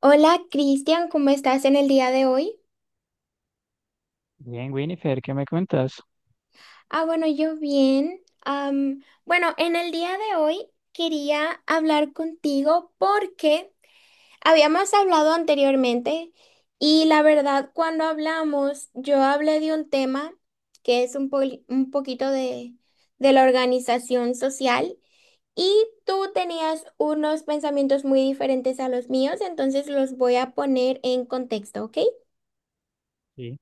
Hola Cristian, ¿cómo estás en el día de hoy? Bien, Winifred, ¿qué me cuentas? Bueno, yo bien. Bueno, en el día de hoy quería hablar contigo porque habíamos hablado anteriormente y la verdad cuando hablamos yo hablé de un tema que es un, un poquito de la organización social y tú tenías unos pensamientos muy diferentes a los míos, entonces los voy a poner en contexto, ¿ok? Sí,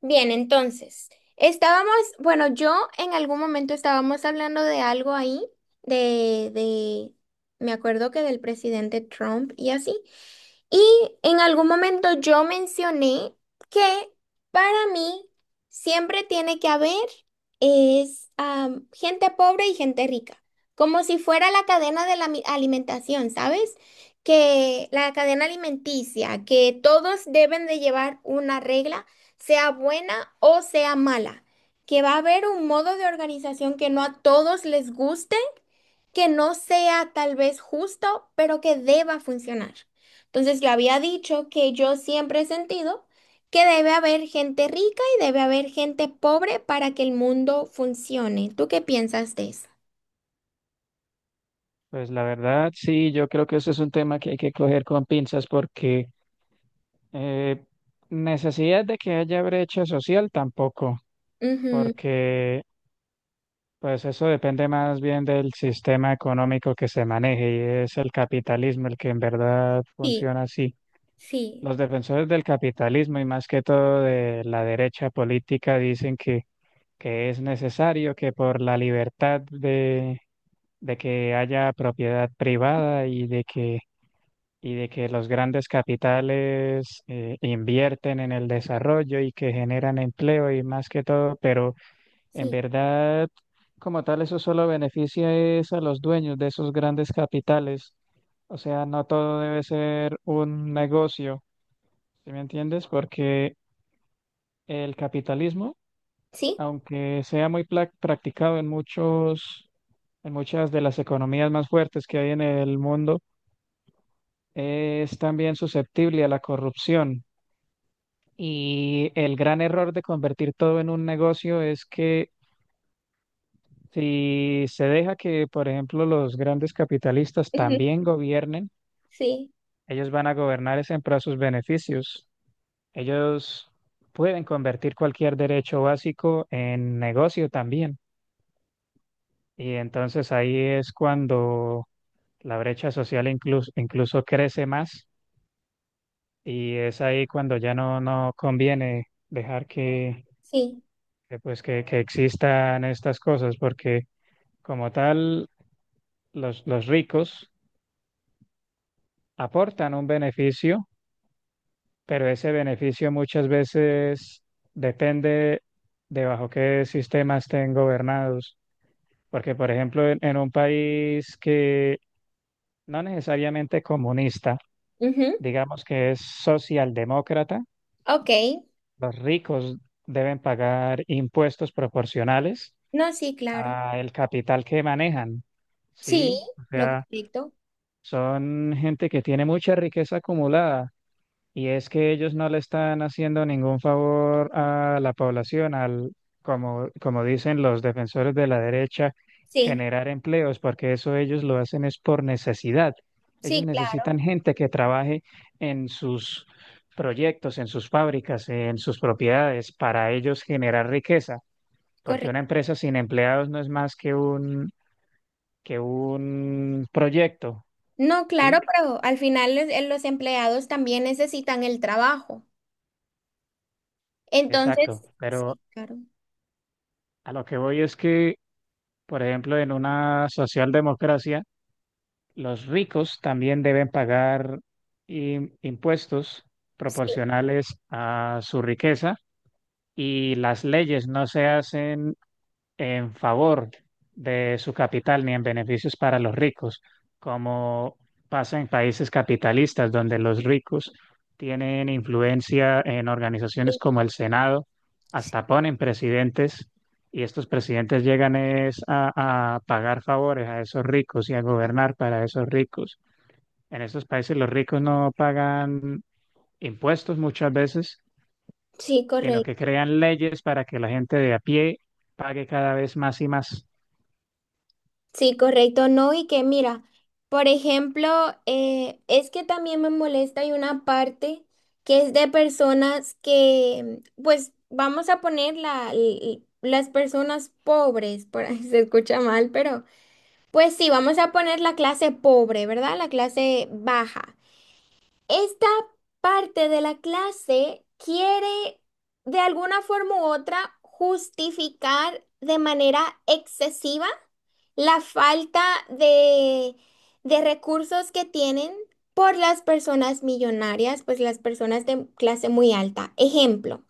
Bien, entonces, estábamos, bueno, yo en algún momento estábamos hablando de algo ahí, de, de, me acuerdo que del presidente Trump y así. Y en algún momento yo mencioné que para mí siempre tiene que haber gente pobre y gente rica, como si fuera la cadena de la alimentación, ¿sabes? Que la cadena alimenticia, que todos deben de llevar una regla, sea buena o sea mala, que va a haber un modo de organización que no a todos les guste, que no sea tal vez justo, pero que deba funcionar. Entonces yo había dicho que yo siempre he sentido que debe haber gente rica y debe haber gente pobre para que el mundo funcione. ¿Tú qué piensas de eso? pues la verdad, sí, yo creo que eso es un tema que hay que coger con pinzas porque eh, necesidad de que haya brecha social tampoco, Ujú. porque pues eso depende más bien del sistema económico que se maneje y es el capitalismo el que en verdad Sí, funciona así. sí, Los defensores del capitalismo y más que todo de la derecha política dicen que es necesario que por la libertad de que haya propiedad privada y de que los grandes capitales invierten en el desarrollo y que generan empleo y más que todo, pero en sí, verdad, como tal, eso solo beneficia es a los dueños de esos grandes capitales. O sea, no todo debe ser un negocio, ¿sí me entiendes? Porque el capitalismo, sí, aunque sea muy practicado en muchas de las economías más fuertes que hay en el mundo, es también susceptible a la corrupción. Y el gran error de convertir todo en un negocio es que si se deja que, por ejemplo, los grandes capitalistas ujú, también gobiernen, sí, ellos van a gobernar es en pro de sus beneficios. Ellos pueden convertir cualquier derecho básico en negocio también. Y entonces ahí es cuando la brecha social incluso crece más y es ahí cuando ya no conviene dejar sí, pues que existan estas cosas, porque como tal, los ricos aportan un beneficio, pero ese beneficio muchas veces depende de bajo qué sistema estén gobernados. Porque, por ejemplo, en un país que no necesariamente comunista, ujú. digamos que es socialdemócrata, Ok, los ricos deben pagar impuestos proporcionales no, sí, claro, al capital que manejan, sí, ¿sí? O lo sea, correcto, son gente que tiene mucha riqueza acumulada y es que ellos no le están haciendo ningún favor a la población, al, como, como dicen los defensores de la derecha, sí, generar empleos, porque eso ellos lo hacen es por necesidad. Ellos sí, claro, necesitan gente que trabaje en sus proyectos, en sus fábricas, en sus propiedades, para ellos generar riqueza, porque una correcto. empresa sin empleados no es más que un proyecto. No, claro, ¿Sí? pero al final los empleados también necesitan el trabajo. Entonces, Exacto, pero sí, claro. a lo que voy es que, por ejemplo, en una socialdemocracia, los ricos también deben pagar impuestos Sí, proporcionales a su riqueza y las leyes no se hacen en favor de su capital ni en beneficios para los ricos, como pasa en países capitalistas donde los ricos tienen influencia en organizaciones sí, como el Senado, sí, hasta ponen presidentes y estos presidentes llegan es a pagar favores a esos ricos y a gobernar para esos ricos. En estos países los ricos no pagan impuestos muchas veces, sí, sino que correcto. crean leyes para que la gente de a pie pague cada vez más y más. Sí, correcto. No, y que mira, por ejemplo, es que también me molesta, hay una parte que es de personas que, pues, vamos a poner las personas pobres, por ahí se escucha mal, pero pues sí, vamos a poner la clase pobre, ¿verdad? La clase baja. Esta parte de la clase quiere de alguna forma u otra justificar de manera excesiva la falta de, de recursos que tienen por las personas millonarias, pues las personas de clase muy alta. Ejemplo,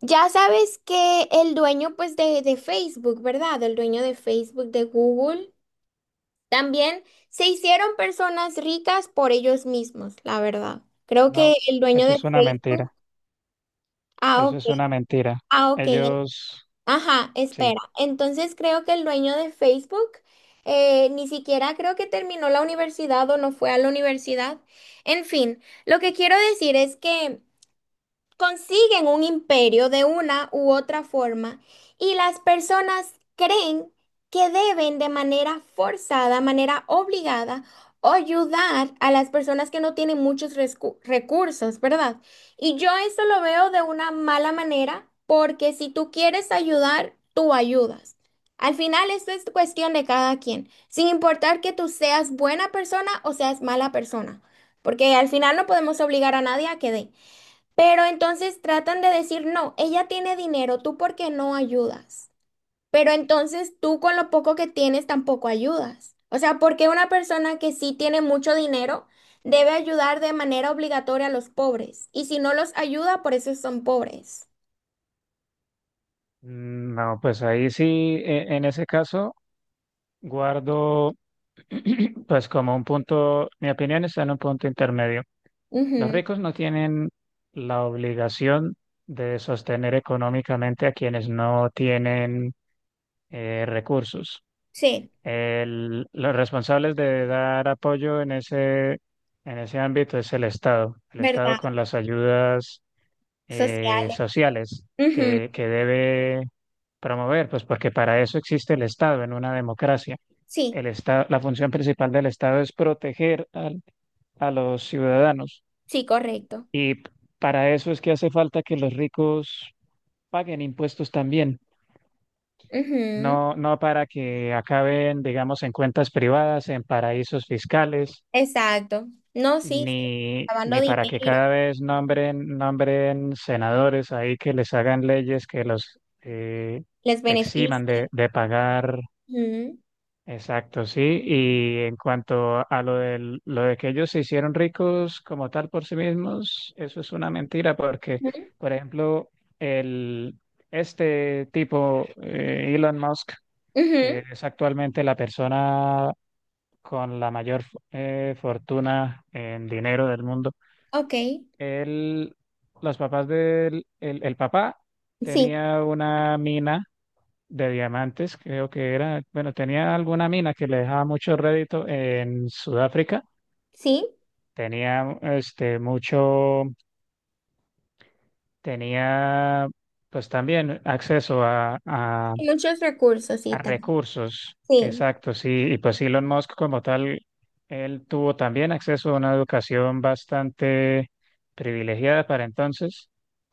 ya sabes que el dueño pues de Facebook, ¿verdad? El dueño de Facebook, de Google. También se hicieron personas ricas por ellos mismos, la verdad. Creo que No, el dueño eso de es una Facebook. mentira, Ah, eso ok. es una mentira. Ah, ok. Ellos, Ajá, espera. sí. Entonces creo que el dueño de Facebook ni siquiera creo que terminó la universidad o no fue a la universidad. En fin, lo que quiero decir es que consiguen un imperio de una u otra forma y las personas creen que deben de manera forzada, manera obligada, ayudar a las personas que no tienen muchos recursos, ¿verdad? Y yo eso lo veo de una mala manera porque si tú quieres ayudar, tú ayudas. Al final, esto es cuestión de cada quien, sin importar que tú seas buena persona o seas mala persona, porque al final no podemos obligar a nadie a que dé. Pero entonces tratan de decir, no, ella tiene dinero, tú por qué no ayudas. Pero entonces tú con lo poco que tienes tampoco ayudas. O sea, ¿por qué una persona que sí tiene mucho dinero debe ayudar de manera obligatoria a los pobres? Y si no los ayuda, por eso son pobres. Mm, no, pues ahí sí, en ese caso, guardo, pues como un punto, mi opinión está en un punto intermedio. Los Ujú. ricos no tienen la obligación de sostener económicamente a quienes no tienen recursos. Sí, Los responsables de dar apoyo en ese ámbito es el Estado. El Estado ¿verdad? con las ayudas Sociales. sociales Ujú. que debe promover, pues porque para eso existe el Estado en una democracia. Sí, El Estado, la función principal del Estado es proteger a los ciudadanos sí, correcto. y para eso es que hace falta que los ricos paguen impuestos también. Ujú. No, no para que acaben, digamos, en cuentas privadas, en paraísos fiscales Exacto. No, sí, sí. ni, Lavando ni para que dinero, cada vez nombren senadores ahí que les hagan leyes que los les eximan de, beneficia. de pagar. Ujú, Exacto, sí. Y en cuanto a lo del, lo de que ellos se hicieron ricos como tal por sí mismos, eso es una mentira porque, ujú, por ejemplo, el, este tipo, Elon Musk, que ujú. es actualmente la persona con la mayor fortuna en dinero del mundo, Ok. él, los papás del el papá Sí, tenía una mina de diamantes, creo que era, bueno, tenía alguna mina que le dejaba mucho rédito en Sudáfrica. sí, Tenía este mucho, tenía pues también acceso a, a y muchos recursos y A tal. recursos, Sí, exacto, sí. Y pues Elon Musk como tal, él tuvo también acceso a una educación bastante privilegiada para entonces.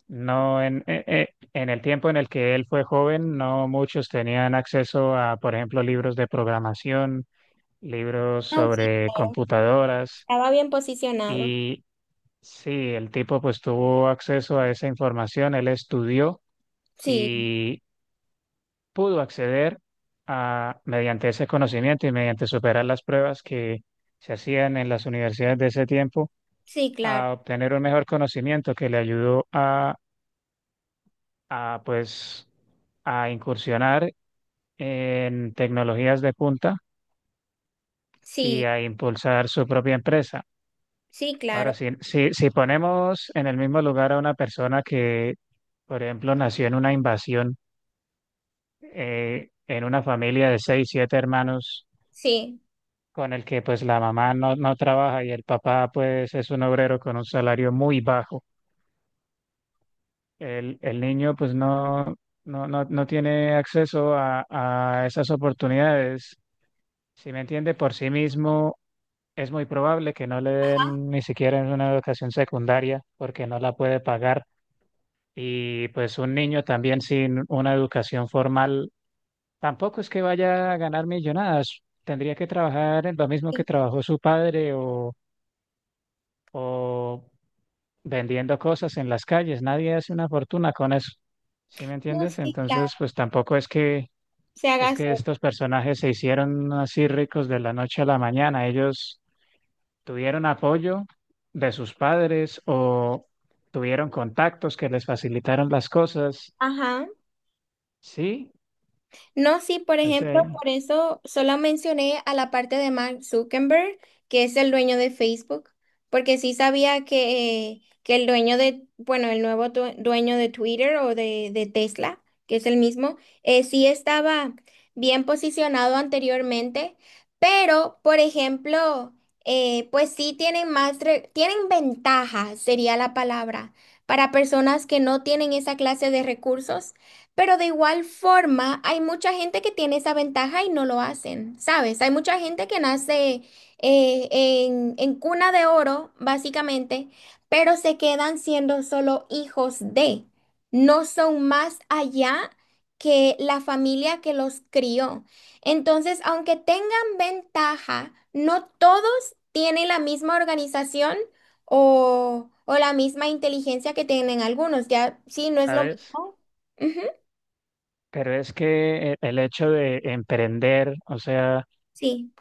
No en el tiempo en el que él fue joven, no muchos tenían acceso a, por ejemplo, libros de programación, libros no, sí, sobre claro. computadoras. Estaba bien posicionado. Y sí, el tipo pues tuvo acceso a esa información, él estudió, Sí, pudo acceder a, mediante ese conocimiento y mediante superar las pruebas que se hacían en las universidades de ese tiempo, sí, claro. a obtener un mejor conocimiento que le ayudó a, pues, a incursionar en tecnologías de punta y Sí, a impulsar su propia empresa. sí, claro. Ahora, si ponemos en el mismo lugar a una persona que, por ejemplo, nació en una invasión, en una familia de 6, 7 hermanos, Sí. con el que pues la mamá no trabaja y el papá pues es un obrero con un salario muy bajo. El niño pues no tiene acceso a esas oportunidades. Si me entiende, por sí mismo es muy probable que no le den ni siquiera una educación secundaria porque no la puede pagar. Y pues un niño también sin una educación formal tampoco es que vaya a ganar millonadas. Tendría que trabajar en lo mismo que Sí. trabajó su padre o vendiendo cosas en las calles, nadie hace una fortuna con eso. ¿Sí me No, entiendes? sí, Entonces, claro. pues tampoco es que Se es haga. que estos personajes se hicieron así ricos de la noche a la mañana. Ellos tuvieron apoyo de sus padres o tuvieron contactos que les facilitaron las cosas. Ajá. Sí, No, sí, por o ejemplo, sea, por eso solo mencioné a la parte de Mark Zuckerberg, que es el dueño de Facebook, porque sí sabía que el dueño de, bueno, el nuevo dueño de Twitter o de Tesla, que es el mismo, sí estaba bien posicionado anteriormente, pero, por ejemplo, pues sí tienen más, tienen ventaja, sería la palabra, para personas que no tienen esa clase de recursos, pero de igual forma, hay mucha gente que tiene esa ventaja y no lo hacen, ¿sabes? Hay mucha gente que nace en cuna de oro, básicamente, pero se quedan siendo solo hijos de, no son más allá que la familia que los crió. Entonces, aunque tengan ventaja, no todos tienen la misma organización o la misma inteligencia que tienen algunos, ya sí, no es lo ¿sabes? mismo. Ujú. Pero es que el hecho de emprender, o sea, Sí.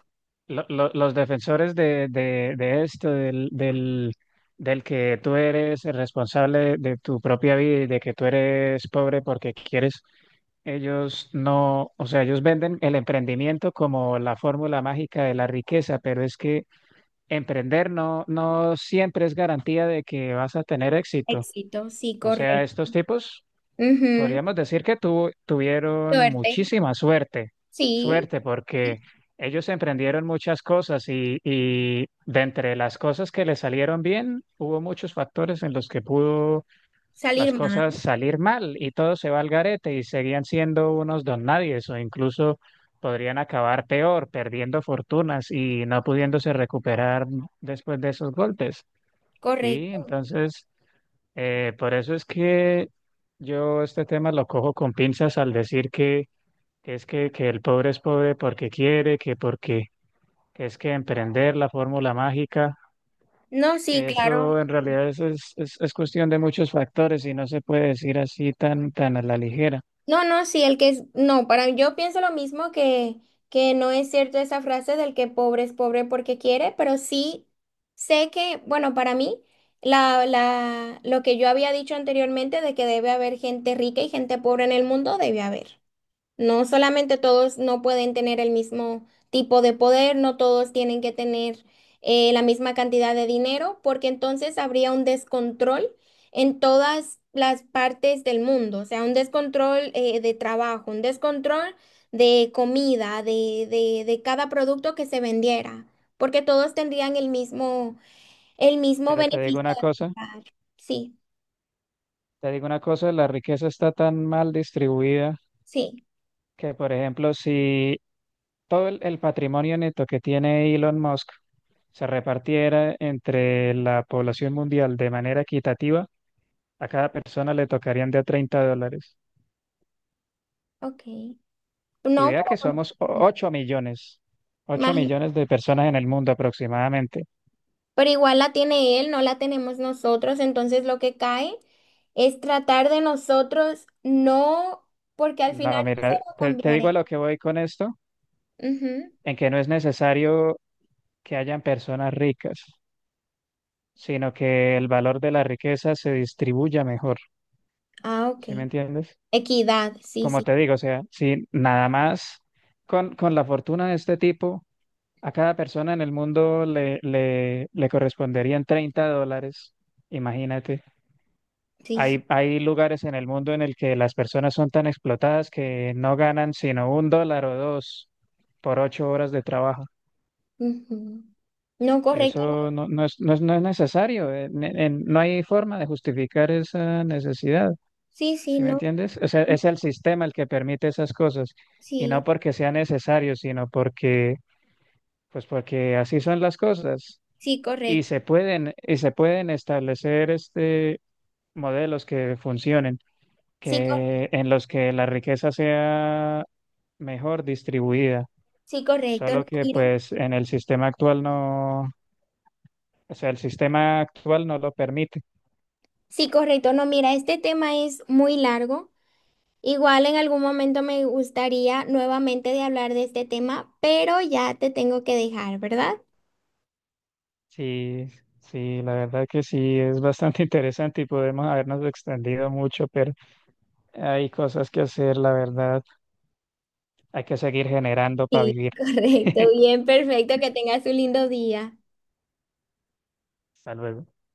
los defensores de esto, del que tú eres el responsable de tu propia vida y de que tú eres pobre porque quieres, ellos no, o sea, ellos venden el emprendimiento como la fórmula mágica de la riqueza, pero es que emprender no, no siempre es garantía de que vas a tener éxito. Éxito, sí, O sea, correcto. estos tipos Ujú. podríamos decir que tuvieron Suerte, muchísima suerte, sí. suerte porque Y ellos emprendieron muchas cosas y de entre las cosas que les salieron bien, hubo muchos factores en los que pudo salir las cosas mal, salir mal y todo se va al garete y seguían siendo unos don nadies o incluso podrían acabar peor, perdiendo fortunas y no pudiéndose recuperar después de esos golpes. Sí, correcto. entonces... por eso es que yo este tema lo cojo con pinzas al decir que es que el pobre es pobre porque quiere, que porque que es que emprender la fórmula mágica, No, sí, claro. eso en realidad es cuestión de muchos factores y no se puede decir así tan, tan a la ligera. No, no, sí, el que es, no, para, yo pienso lo mismo que no es cierto esa frase del que pobre es pobre porque quiere, pero sí sé que, bueno, para mí, lo que yo había dicho anteriormente de que debe haber gente rica y gente pobre en el mundo, debe haber. No solamente todos no pueden tener el mismo tipo de poder, no todos tienen que tener la misma cantidad de dinero, porque entonces habría un descontrol en todas las partes del mundo, o sea, un descontrol de trabajo, un descontrol de comida, de cada producto que se vendiera, porque todos tendrían el mismo Pero te digo beneficio una de cosa, comprar. Sí, te digo una cosa, la riqueza está tan mal distribuida sí, que, por ejemplo, si todo el patrimonio neto que tiene Elon Musk se repartiera entre la población mundial de manera equitativa, a cada persona le tocarían de a 30 dólares. ok. Y No, vea que pero... somos ocho imagínate. millones de personas en el mundo aproximadamente. Pero igual la tiene él, no la tenemos nosotros, entonces lo que cae es tratar de nosotros, no, porque al final No, yo se mira, lo te digo a cambiaré. lo que voy con esto, Ujú. en que no es necesario que hayan personas ricas, sino que el valor de la riqueza se distribuya mejor. Ah, ok. ¿Sí me entiendes? Equidad, sí, Como sí, te digo, o sea, si nada más con la fortuna de este tipo, a cada persona en el mundo le corresponderían 30 dólares. Imagínate. sí, Hay, sí. hay lugares en el mundo en el que las personas son tan explotadas que no ganan sino un dólar o dos por 8 horas de trabajo. Ujú. No, correcto, Eso no. no es necesario. No hay forma de justificar esa necesidad. Sí, sí, ¿Sí me no. entiendes? O sea, es el sistema el que permite esas cosas y no Sí, porque sea necesario, sino porque, pues porque así son las cosas sí, y correcto. se pueden establecer este modelos que funcionen, Sí, cor- que en los que la riqueza sea mejor distribuida. sí, correcto. No, Solo que mira. pues en el sistema actual no, o sea, el sistema actual no lo permite. Sí, correcto. No, mira, este tema es muy largo. Igual en algún momento me gustaría nuevamente de hablar de este tema, pero ya te tengo que dejar, ¿verdad? Sí, sí, la verdad que sí es bastante interesante y podemos habernos extendido mucho, pero hay cosas que hacer, la verdad. Hay que seguir generando para Sí, vivir. correcto. Bien, perfecto. Que tengas un lindo día. Hasta luego.